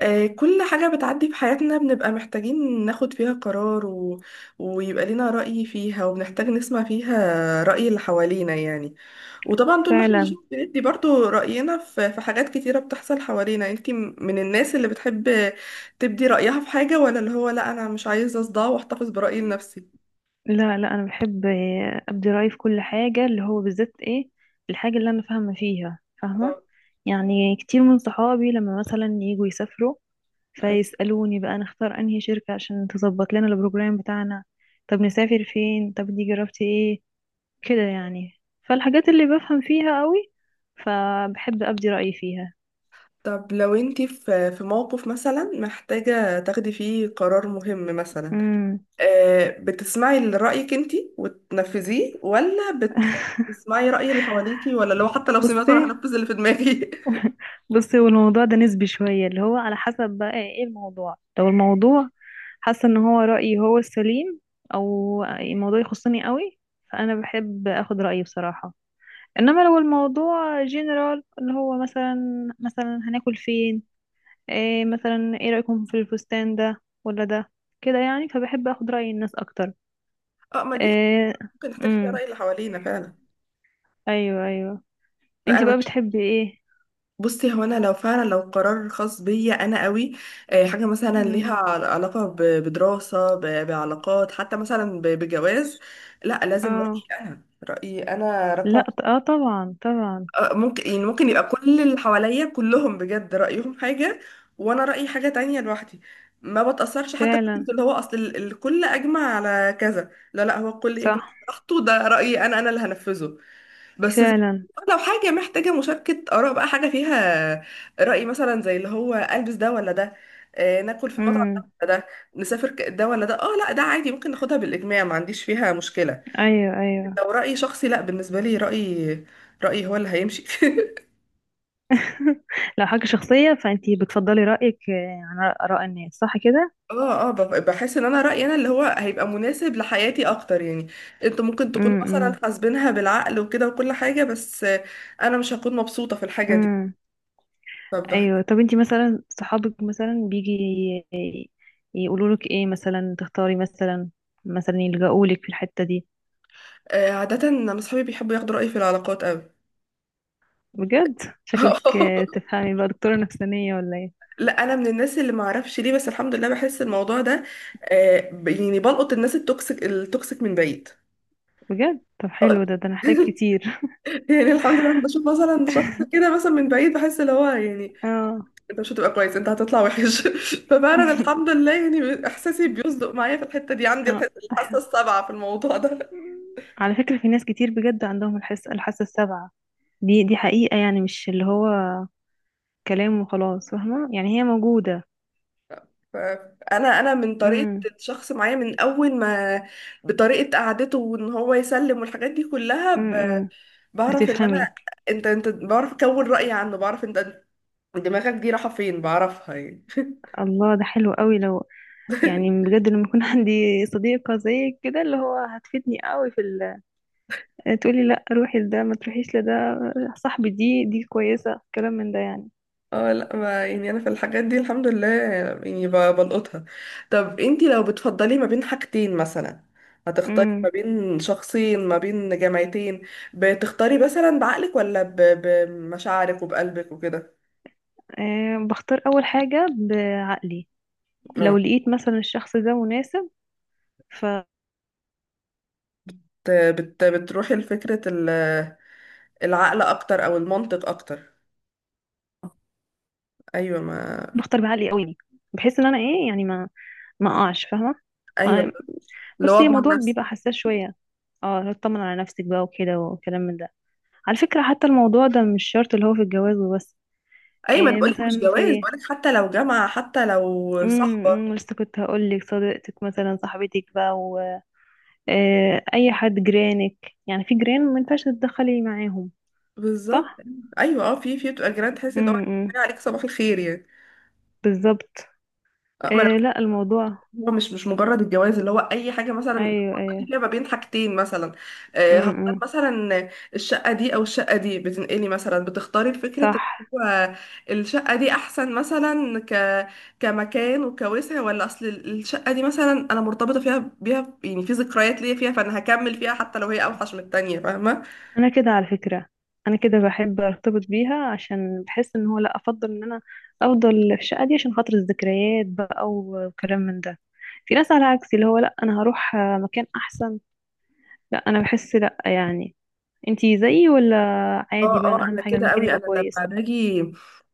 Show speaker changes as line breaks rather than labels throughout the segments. كل حاجة بتعدي في حياتنا بنبقى محتاجين ناخد فيها قرار ويبقى لنا رأي فيها وبنحتاج نسمع فيها رأي اللي حوالينا يعني. وطبعا طول ما احنا مش
فعلا.
بندي برضو رأينا في حاجات كتيرة بتحصل حوالينا، انتي من الناس اللي بتحب تبدي رأيها في حاجة، ولا اللي هو لا أنا مش عايزة أصدع وأحتفظ برأيي لنفسي؟
لا، لا، انا بحب ابدي رايي في كل حاجه، اللي هو بالذات ايه الحاجه اللي انا فاهمه فيها فاهمه.
اه.
يعني كتير من صحابي لما مثلا يجوا يسافروا، فيسالوني بقى نختار انهي شركه عشان تظبط لنا البروجرام بتاعنا، طب نسافر فين، طب دي جربتي ايه، كده يعني. فالحاجات اللي بفهم فيها قوي، فبحب ابدي رايي فيها.
طب لو انتي في موقف مثلا محتاجة تاخدي فيه قرار مهم مثلا،
امم.
بتسمعي لرأيك انتي وتنفذيه، ولا بتسمعي رأي اللي حواليكي، ولا لو حتى لو سمعته انا
بصي
هنفذ اللي في دماغي؟
بصي، والموضوع ده نسبي شويه، اللي هو على حسب بقى ايه الموضوع. لو الموضوع حاسه ان هو رايي هو السليم، او الموضوع يخصني قوي، فانا بحب اخد رايي بصراحه. انما لو الموضوع جنرال، اللي هو مثلا هناكل فين، إيه مثلا، ايه رايكم في الفستان ده ولا ده، كده يعني، فبحب اخد راي الناس اكتر.
اه، ما دي
إيه،
ممكن نحتاج فيها
امم،
رأي اللي حوالينا فعلا.
ايوه ايوه.
لا
انتي
انا
بقى
بك...
بتحبي ايه؟
بصي، هو انا لو فعلا لو قرار خاص بيا انا قوي، حاجة مثلا ليها
امم.
علاقة بدراسة، بعلاقات، حتى مثلا بجواز، لا لازم
اه،
رأيي انا. رأيي انا
لا،
رقم.
اه، طبعا طبعا.
ممكن يعني ممكن يبقى كل اللي حواليا كلهم بجد رأيهم حاجة، وانا رأيي حاجة تانية لوحدي. ما بتأثرش حتى
فعلا.
بفكرة اللي هو اصل الكل اجمع على كذا، لا لا هو الكل يجمع
صح.
براحته، ده رأيي انا انا اللي هنفذه. بس زي-
فعلا.
لو حاجة محتاجة مشاركة آراء بقى، حاجة فيها رأي، مثلا زي اللي هو ألبس ده ولا ده، ناكل في المطعم ده
امم.
ولا ده، نسافر ده ولا ده، اه لا ده عادي، ممكن ناخدها بالإجماع، ما عنديش فيها مشكلة.
ايوه ايوه.
لو رأي شخصي، لا بالنسبة لي رأيي، رأيي هو اللي هيمشي.
لو حاجة شخصية فأنتي بتفضلي رأيك عن آراء الناس، صح كده؟
اه اه، بحس ان انا رأيي انا اللي هو هيبقى مناسب لحياتي اكتر يعني. انتوا ممكن تكون مثلا
امم،
حاسبينها بالعقل وكده وكل حاجة، بس انا مش هكون مبسوطة في الحاجة دي.
امم.
فبح...
أيوة، طب أنتي مثلا صحابك مثلا بيجي يقولوا لك إيه، مثلا تختاري مثلا يلجأوا لك في الحتة دي؟
عادة انا اصحابي بيحبوا ياخدوا رأيي في العلاقات قوي.
بجد؟ شكلك تفهمي بقى دكتورة نفسانية ولا إيه؟
لا انا من الناس اللي ما اعرفش ليه، بس الحمد لله بحس الموضوع ده، يعني بلقط الناس التوكسيك التوكسيك من بعيد.
بجد؟ طب حلو ده أنا هحتاج كتير.
يعني الحمد لله، لما بشوف مثلا شخص كده مثلا من بعيد، بحس اللي هو يعني
اه.
انت مش هتبقى كويس، انت هتطلع وحش. ففعلا الحمد لله، يعني احساسي بيصدق معايا في الحته دي. عندي
اه،
الحاسه
أحلى.
السابعه في الموضوع ده.
على فكرة في ناس كتير بجد عندهم الحاسة السابعة، دي حقيقة يعني، مش اللي هو كلام وخلاص، فاهمة، يعني هي موجودة.
فانا من طريقه
امم،
الشخص معايا من اول ما، بطريقه قعدته وان هو يسلم والحاجات دي كلها
امم.
بعرف ان انا،
بتفهمي.
انت بعرف اكون رايي عنه، بعرف انت دماغك دي رايحه فين، بعرفها يعني.
الله، ده حلو قوي. لو يعني بجد لما يكون عندي صديقة زيك كده اللي هو هتفيدني قوي تقولي لا روحي لده ما تروحيش لده، صاحبي دي كويسة كلام من ده يعني.
اه لا، ما يعني انا في الحاجات دي الحمد لله يعني بلقطها. طب انتي لو بتفضلي ما بين حاجتين مثلا، هتختاري ما
امم.
بين شخصين، ما بين جامعتين، بتختاري مثلا بعقلك، ولا بمشاعرك وبقلبك وكده؟
أه، بختار أول حاجة بعقلي. لو
اه
لقيت مثلا الشخص ده مناسب، فبختار
بتروحي لفكرة العقل اكتر او المنطق اكتر. ايوه ما
بعقلي قوي، بحيث ان انا ايه يعني، ما اقعش فاهمة
ايوه،
ما.
اللي هو
بصي
اضمن
الموضوع
نفسي.
بيبقى حساس شوية، اه اطمن على نفسك بقى وكده وكلام من ده. على فكرة حتى الموضوع ده مش شرط اللي هو في الجواز وبس،
ايوه، ما انا
إيه
بقولك مش
مثلا
جواز،
في،
بقولك حتى لو جامعة، حتى لو صاحبة.
إمم، لسه كنت هقول لك صديقتك مثلا صاحبتك بقى و... إيه اي حد، جيرانك يعني، في جيران ما ينفعش تتدخلي معاهم.
بالظبط.
صح.
ايوه اه، في بتبقى جيران تحس ان هو
امم.
عليك صباح الخير يعني.
بالظبط.
ما أنا،
إيه، لا، الموضوع
هو مش مجرد الجواز، اللي هو اي حاجه مثلا
ايوه
بتفضلي
ايوه،
فيها ما بين حاجتين مثلا،
امم،
هختار
إمم،
مثلا الشقه دي او الشقه دي، بتنقلي مثلا بتختاري فكره
صح.
إن هو الشقه دي احسن مثلا، كمكان وكوسع، ولا اصل الشقه دي مثلا انا مرتبطه فيها بيها يعني، في ذكريات ليا فيها، فانا هكمل فيها حتى لو هي اوحش من التانيه، فاهمه؟
انا كده على فكرة، انا كده بحب ارتبط بيها، عشان بحس ان هو لا افضل ان انا افضل في الشقة دي عشان خاطر الذكريات بقى وكلام من ده. في ناس على عكسي اللي هو لا انا هروح مكان احسن، لا انا بحس لا يعني. انتي زيي ولا عادي
اه
بقى؟ أنا
اه،
اهم
انا
حاجة
كده
المكان
قوي.
يبقى
انا
كويس.
لما باجي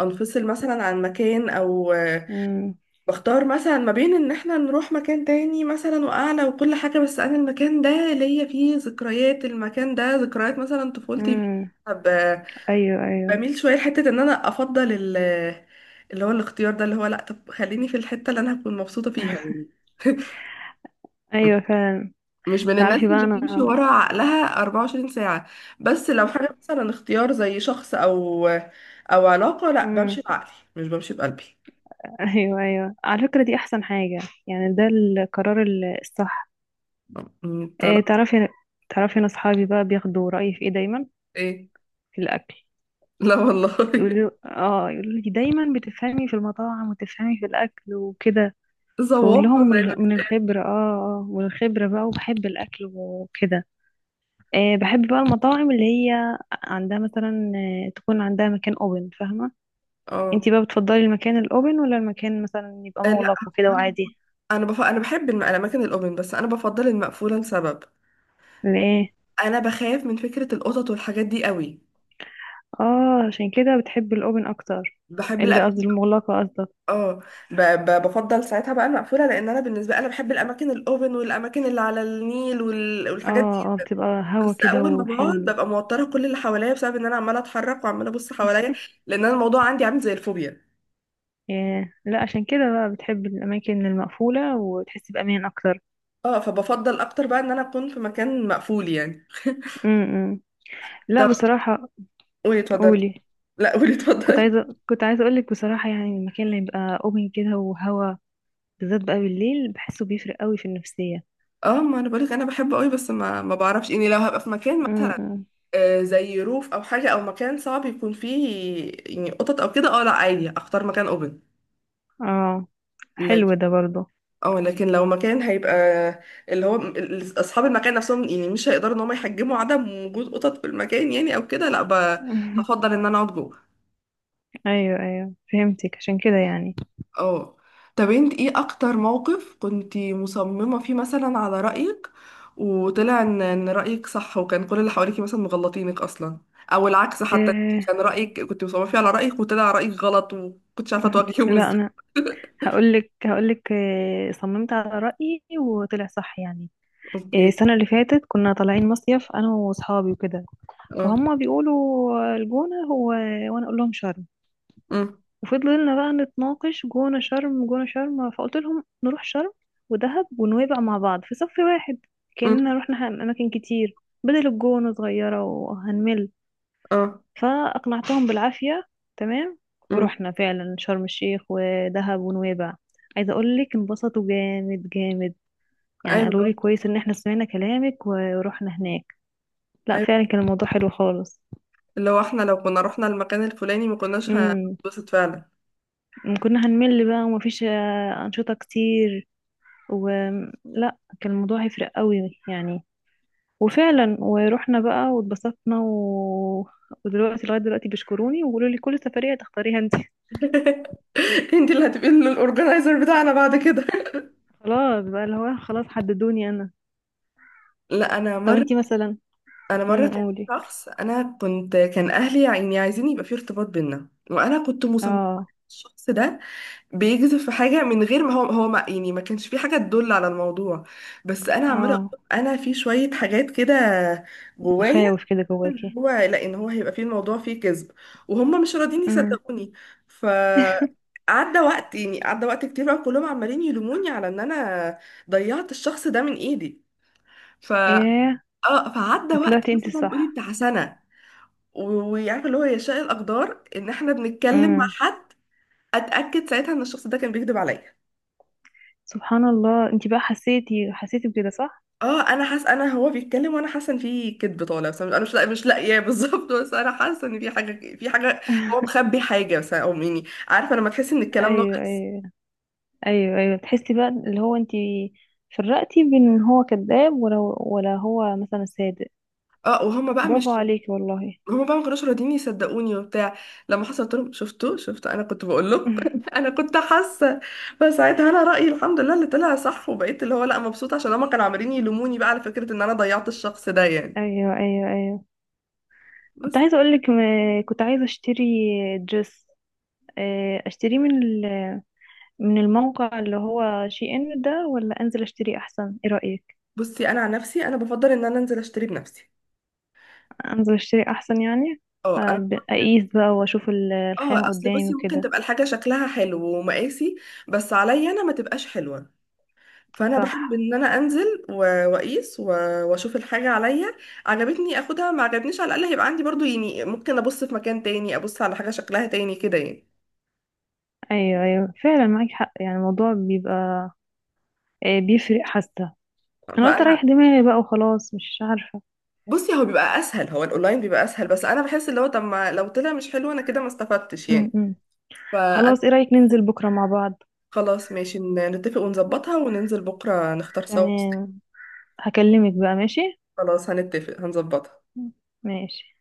انفصل مثلا عن مكان او
امم،
بختار مثلا ما بين ان احنا نروح مكان تاني مثلا واعلى وكل حاجة، بس انا المكان ده ليا فيه ذكريات، المكان ده ذكريات مثلا طفولتي فيه.
امم.
طب
ايوه، ايوه،
بميل شوية لحتة ان انا افضل اللي هو الاختيار ده، اللي هو لا طب خليني في الحتة اللي انا هكون مبسوطة فيها يعني.
ايوه. فعلا.
مش من الناس
تعرفي بقى
اللي بتمشي
انا،
ورا عقلها 24 ساعة، بس لو حاجة مثلا اختيار زي شخص او او علاقة، لا بمشي
امم،
بعقلي مش بمشي بقلبي.
ايوه ايوه، على فكرة دي احسن حاجة، يعني ده القرار الصح. إيه،
طلعت
تعرفي، انا اصحابي بقى بياخدوا رأيي في ايه دايما.
ايه.
في الاكل.
لا والله.
يقولوا اه يقولوا لي دايما بتفهمي في المطاعم وتفهمي في الاكل وكده. فاقول
ذواقة
لهم
زي ما
من
بيتقال.
الخبرة، اه. اه، من الخبرة بقى، وبحب الاكل وكده. إيه، بحب بقى المطاعم اللي هي عندها مثلا تكون عندها مكان اوبن، فاهمة؟ انتي
اه.
بقى بتفضلي المكان الاوبن ولا المكان مثلا يبقى
لا
مغلق وكده وعادي؟
انا انا بحب الاماكن الاوبن، بس انا بفضل المقفولة لسبب.
ليه؟
انا بخاف من فكرة القطط والحاجات دي قوي.
اه عشان كده بتحب الاوبن اكتر،
بحب
اللي قصدي
الاماكن.
المغلقة قصدك؟
اه بفضل ساعتها بقى المقفوله، لان انا بالنسبه انا بحب الاماكن الاوفن والاماكن اللي على النيل والحاجات دي،
اه. اه، بتبقى هوا
بس
كده
اول ما بقعد
وحلو.
ببقى موتره كل اللي حواليا بسبب ان انا عماله اتحرك وعماله ابص حواليا، لان انا الموضوع عندي عامل زي الفوبيا.
ياه، لا عشان كده بقى بتحب الأماكن المقفولة وتحس بأمان أكتر.
اه، فبفضل اكتر بقى ان انا اكون في مكان مقفول يعني.
امم. لا
طب
بصراحة،
قولي اتفضلي.
قولي.
لا قولي اتفضلي.
كنت عايزة أقولك بصراحة، يعني المكان اللي يبقى أوبن كده وهوا، بالذات بقى بالليل، بحسه بيفرق قوي في النفسية.
اه، ما انا بقولك انا بحبه قوي، بس ما بعرفش يعني، لو هبقى في مكان مثلا،
امم.
زي روف او حاجه او مكان صعب يكون فيه يعني قطط او كده، اه لا عادي اختار مكان اوبن.
اه، حلو ده برضه.
اه، لكن لو مكان هيبقى اللي هو اصحاب المكان نفسهم يعني مش هيقدروا ان هم يحجموا عدم وجود قطط في المكان يعني او كده، لا بفضل ان انا اقعد جوه.
أيوه أيوه، فهمتك عشان كده يعني.
اه. طب انت ايه اكتر موقف كنتي مصممة فيه مثلا على رأيك وطلع ان رأيك صح، وكان كل اللي حواليكي مثلا مغلطينك اصلا، او العكس حتى،
إيه.
كان رأيك كنت مصممة فيه على رأيك وطلع رأيك غلط، وكنتش عارفة تواجهيهم
لا
ازاي؟
أنا هقولك، إيه، صممت على رأيي وطلع صح يعني. إيه،
اوكي.
السنة اللي فاتت كنا طالعين مصيف أنا وصحابي وكده،
اه.
فهم بيقولوا الجونة هو وأنا أقول لهم شرم،
امم.
وفضلنا بقى نتناقش جونة شرم جونة شرم، فقلت لهم نروح شرم ودهب ونويبع مع بعض في صف واحد،
امم.
كأننا رحنا أماكن كتير، بدل الجونة صغيرة وهنمل.
اه.
فأقنعتهم بالعافية، تمام،
امم.
ورحنا فعلا شرم الشيخ ودهب ونويبع. عايزة أقول لك انبسطوا جامد جامد، يعني قالوا
ايوه.
لي كويس إن احنا سمعنا كلامك ورحنا هناك. لا
أيوه.
فعلا كان الموضوع حلو خالص.
اللي هو احنا لو كنا رحنا المكان الفلاني ما كناش
امم،
هنتبسط فعلا.
كنا هنمل بقى، ومفيش أنشطة كتير، ولا كان الموضوع هيفرق قوي يعني. وفعلا ورحنا بقى واتبسطنا و... ودلوقتي لغاية دلوقتي بيشكروني وبيقولوا لي كل سفرية تختاريها انت.
انت اللي هتبقي الاورجنايزر بتاعنا بعد كده.
خلاص بقى، اللي هو خلاص حددوني انا.
لا انا
طب
مره،
انتي مثلا. امم.
كان في
قولي.
شخص، انا كنت كان اهلي يعني عايزين يبقى في ارتباط بينا، وانا كنت مصممه
اه.
الشخص ده بيجذب في حاجه، من غير ما هو ما يعني ما كانش في حاجه تدل على الموضوع، بس انا عماله أقول
اه،
له انا في شويه حاجات كده جوايا،
مخاوف كده
إن
جواكي.
هو لا ان هو هيبقى فيه الموضوع فيه كذب، وهم مش راضيين
امم.
يصدقوني. ف عدى وقت يعني، عدى وقت كتير بقى كلهم عمالين يلوموني على ان انا ضيعت الشخص ده من ايدي. ف
ايه.
اه فعدى وقت
وطلعتي انت
مثلا قولي
صح.
بتاع سنه، و- وعارفه اللي هو يشاء الاقدار ان احنا بنتكلم مع
امم.
حد، اتاكد ساعتها ان الشخص ده كان بيكذب عليا.
سبحان الله، انت بقى حسيتي، بكده صح.
اه، انا حاسه انا هو بيتكلم وانا حاسه ان في كذب طالع، بس انا مش لاقياه. بالظبط، بس انا حاسه ان في حاجه هو مخبي حاجه بس، او يعني عارفه لما تحس ان الكلام
ايوه
ناقص.
ايوه، ايوه ايوه، تحسي بقى اللي هو انت فرقتي بين ان هو كذاب ولا هو مثلا صادق.
اه، وهما بقى
برافو
مش
عليكي والله.
هما بقى ما كانوش راضيين يصدقوني وبتاع. لما حصلت لهم، شفتوا انا كنت بقول لهم. انا كنت حاسه. فساعتها انا رايي الحمد لله اللي طلع صح، وبقيت اللي هو لا مبسوطه عشان هما كانوا عمالين يلوموني بقى على فكره ان انا ضيعت الشخص ده يعني.
ايوه ايوه ايوه. كنت
بس.
عايزه اقول لك كنت عايزه اشتري دريس، اشتريه من من الموقع اللي هو شي ان ده ولا انزل اشتري احسن، ايه رايك؟
بصي انا عن نفسي انا بفضل ان انا انزل اشتري بنفسي.
انزل اشتري احسن يعني،
اه انا
اقيس بقى واشوف
اه
الخامه
اصل
قدامي
بصي، ممكن
وكده.
تبقى الحاجه شكلها حلو ومقاسي، بس عليا انا ما تبقاش حلوه، فانا بحب
صح
ان انا انزل واقيس واشوف الحاجه عليا، عجبتني اخدها، ما عجبنيش على الاقل هيبقى عندي برضو يعني، ممكن ابص في مكان تاني ابص على حاجه شكلها تاني كده يعني.
ايوه ايوه، فعلا معاك حق، يعني الموضوع بيبقى بيفرق، حاسه انا قلت
فانا
اريح دماغي بقى وخلاص، مش عارفة.
بصي هو بيبقى اسهل، هو الاونلاين بيبقى اسهل. بس انا بحس اللي هو طب ما لو طلع مش حلو انا كده ما استفدتش
م
يعني.
-م.
فانا
خلاص، ايه رأيك ننزل بكرة مع بعض؟
خلاص ماشي، نتفق ونظبطها وننزل بكره نختار سوا فستان.
تمام، هكلمك بقى. ماشي.
خلاص هنتفق هنظبطها.
ماشي.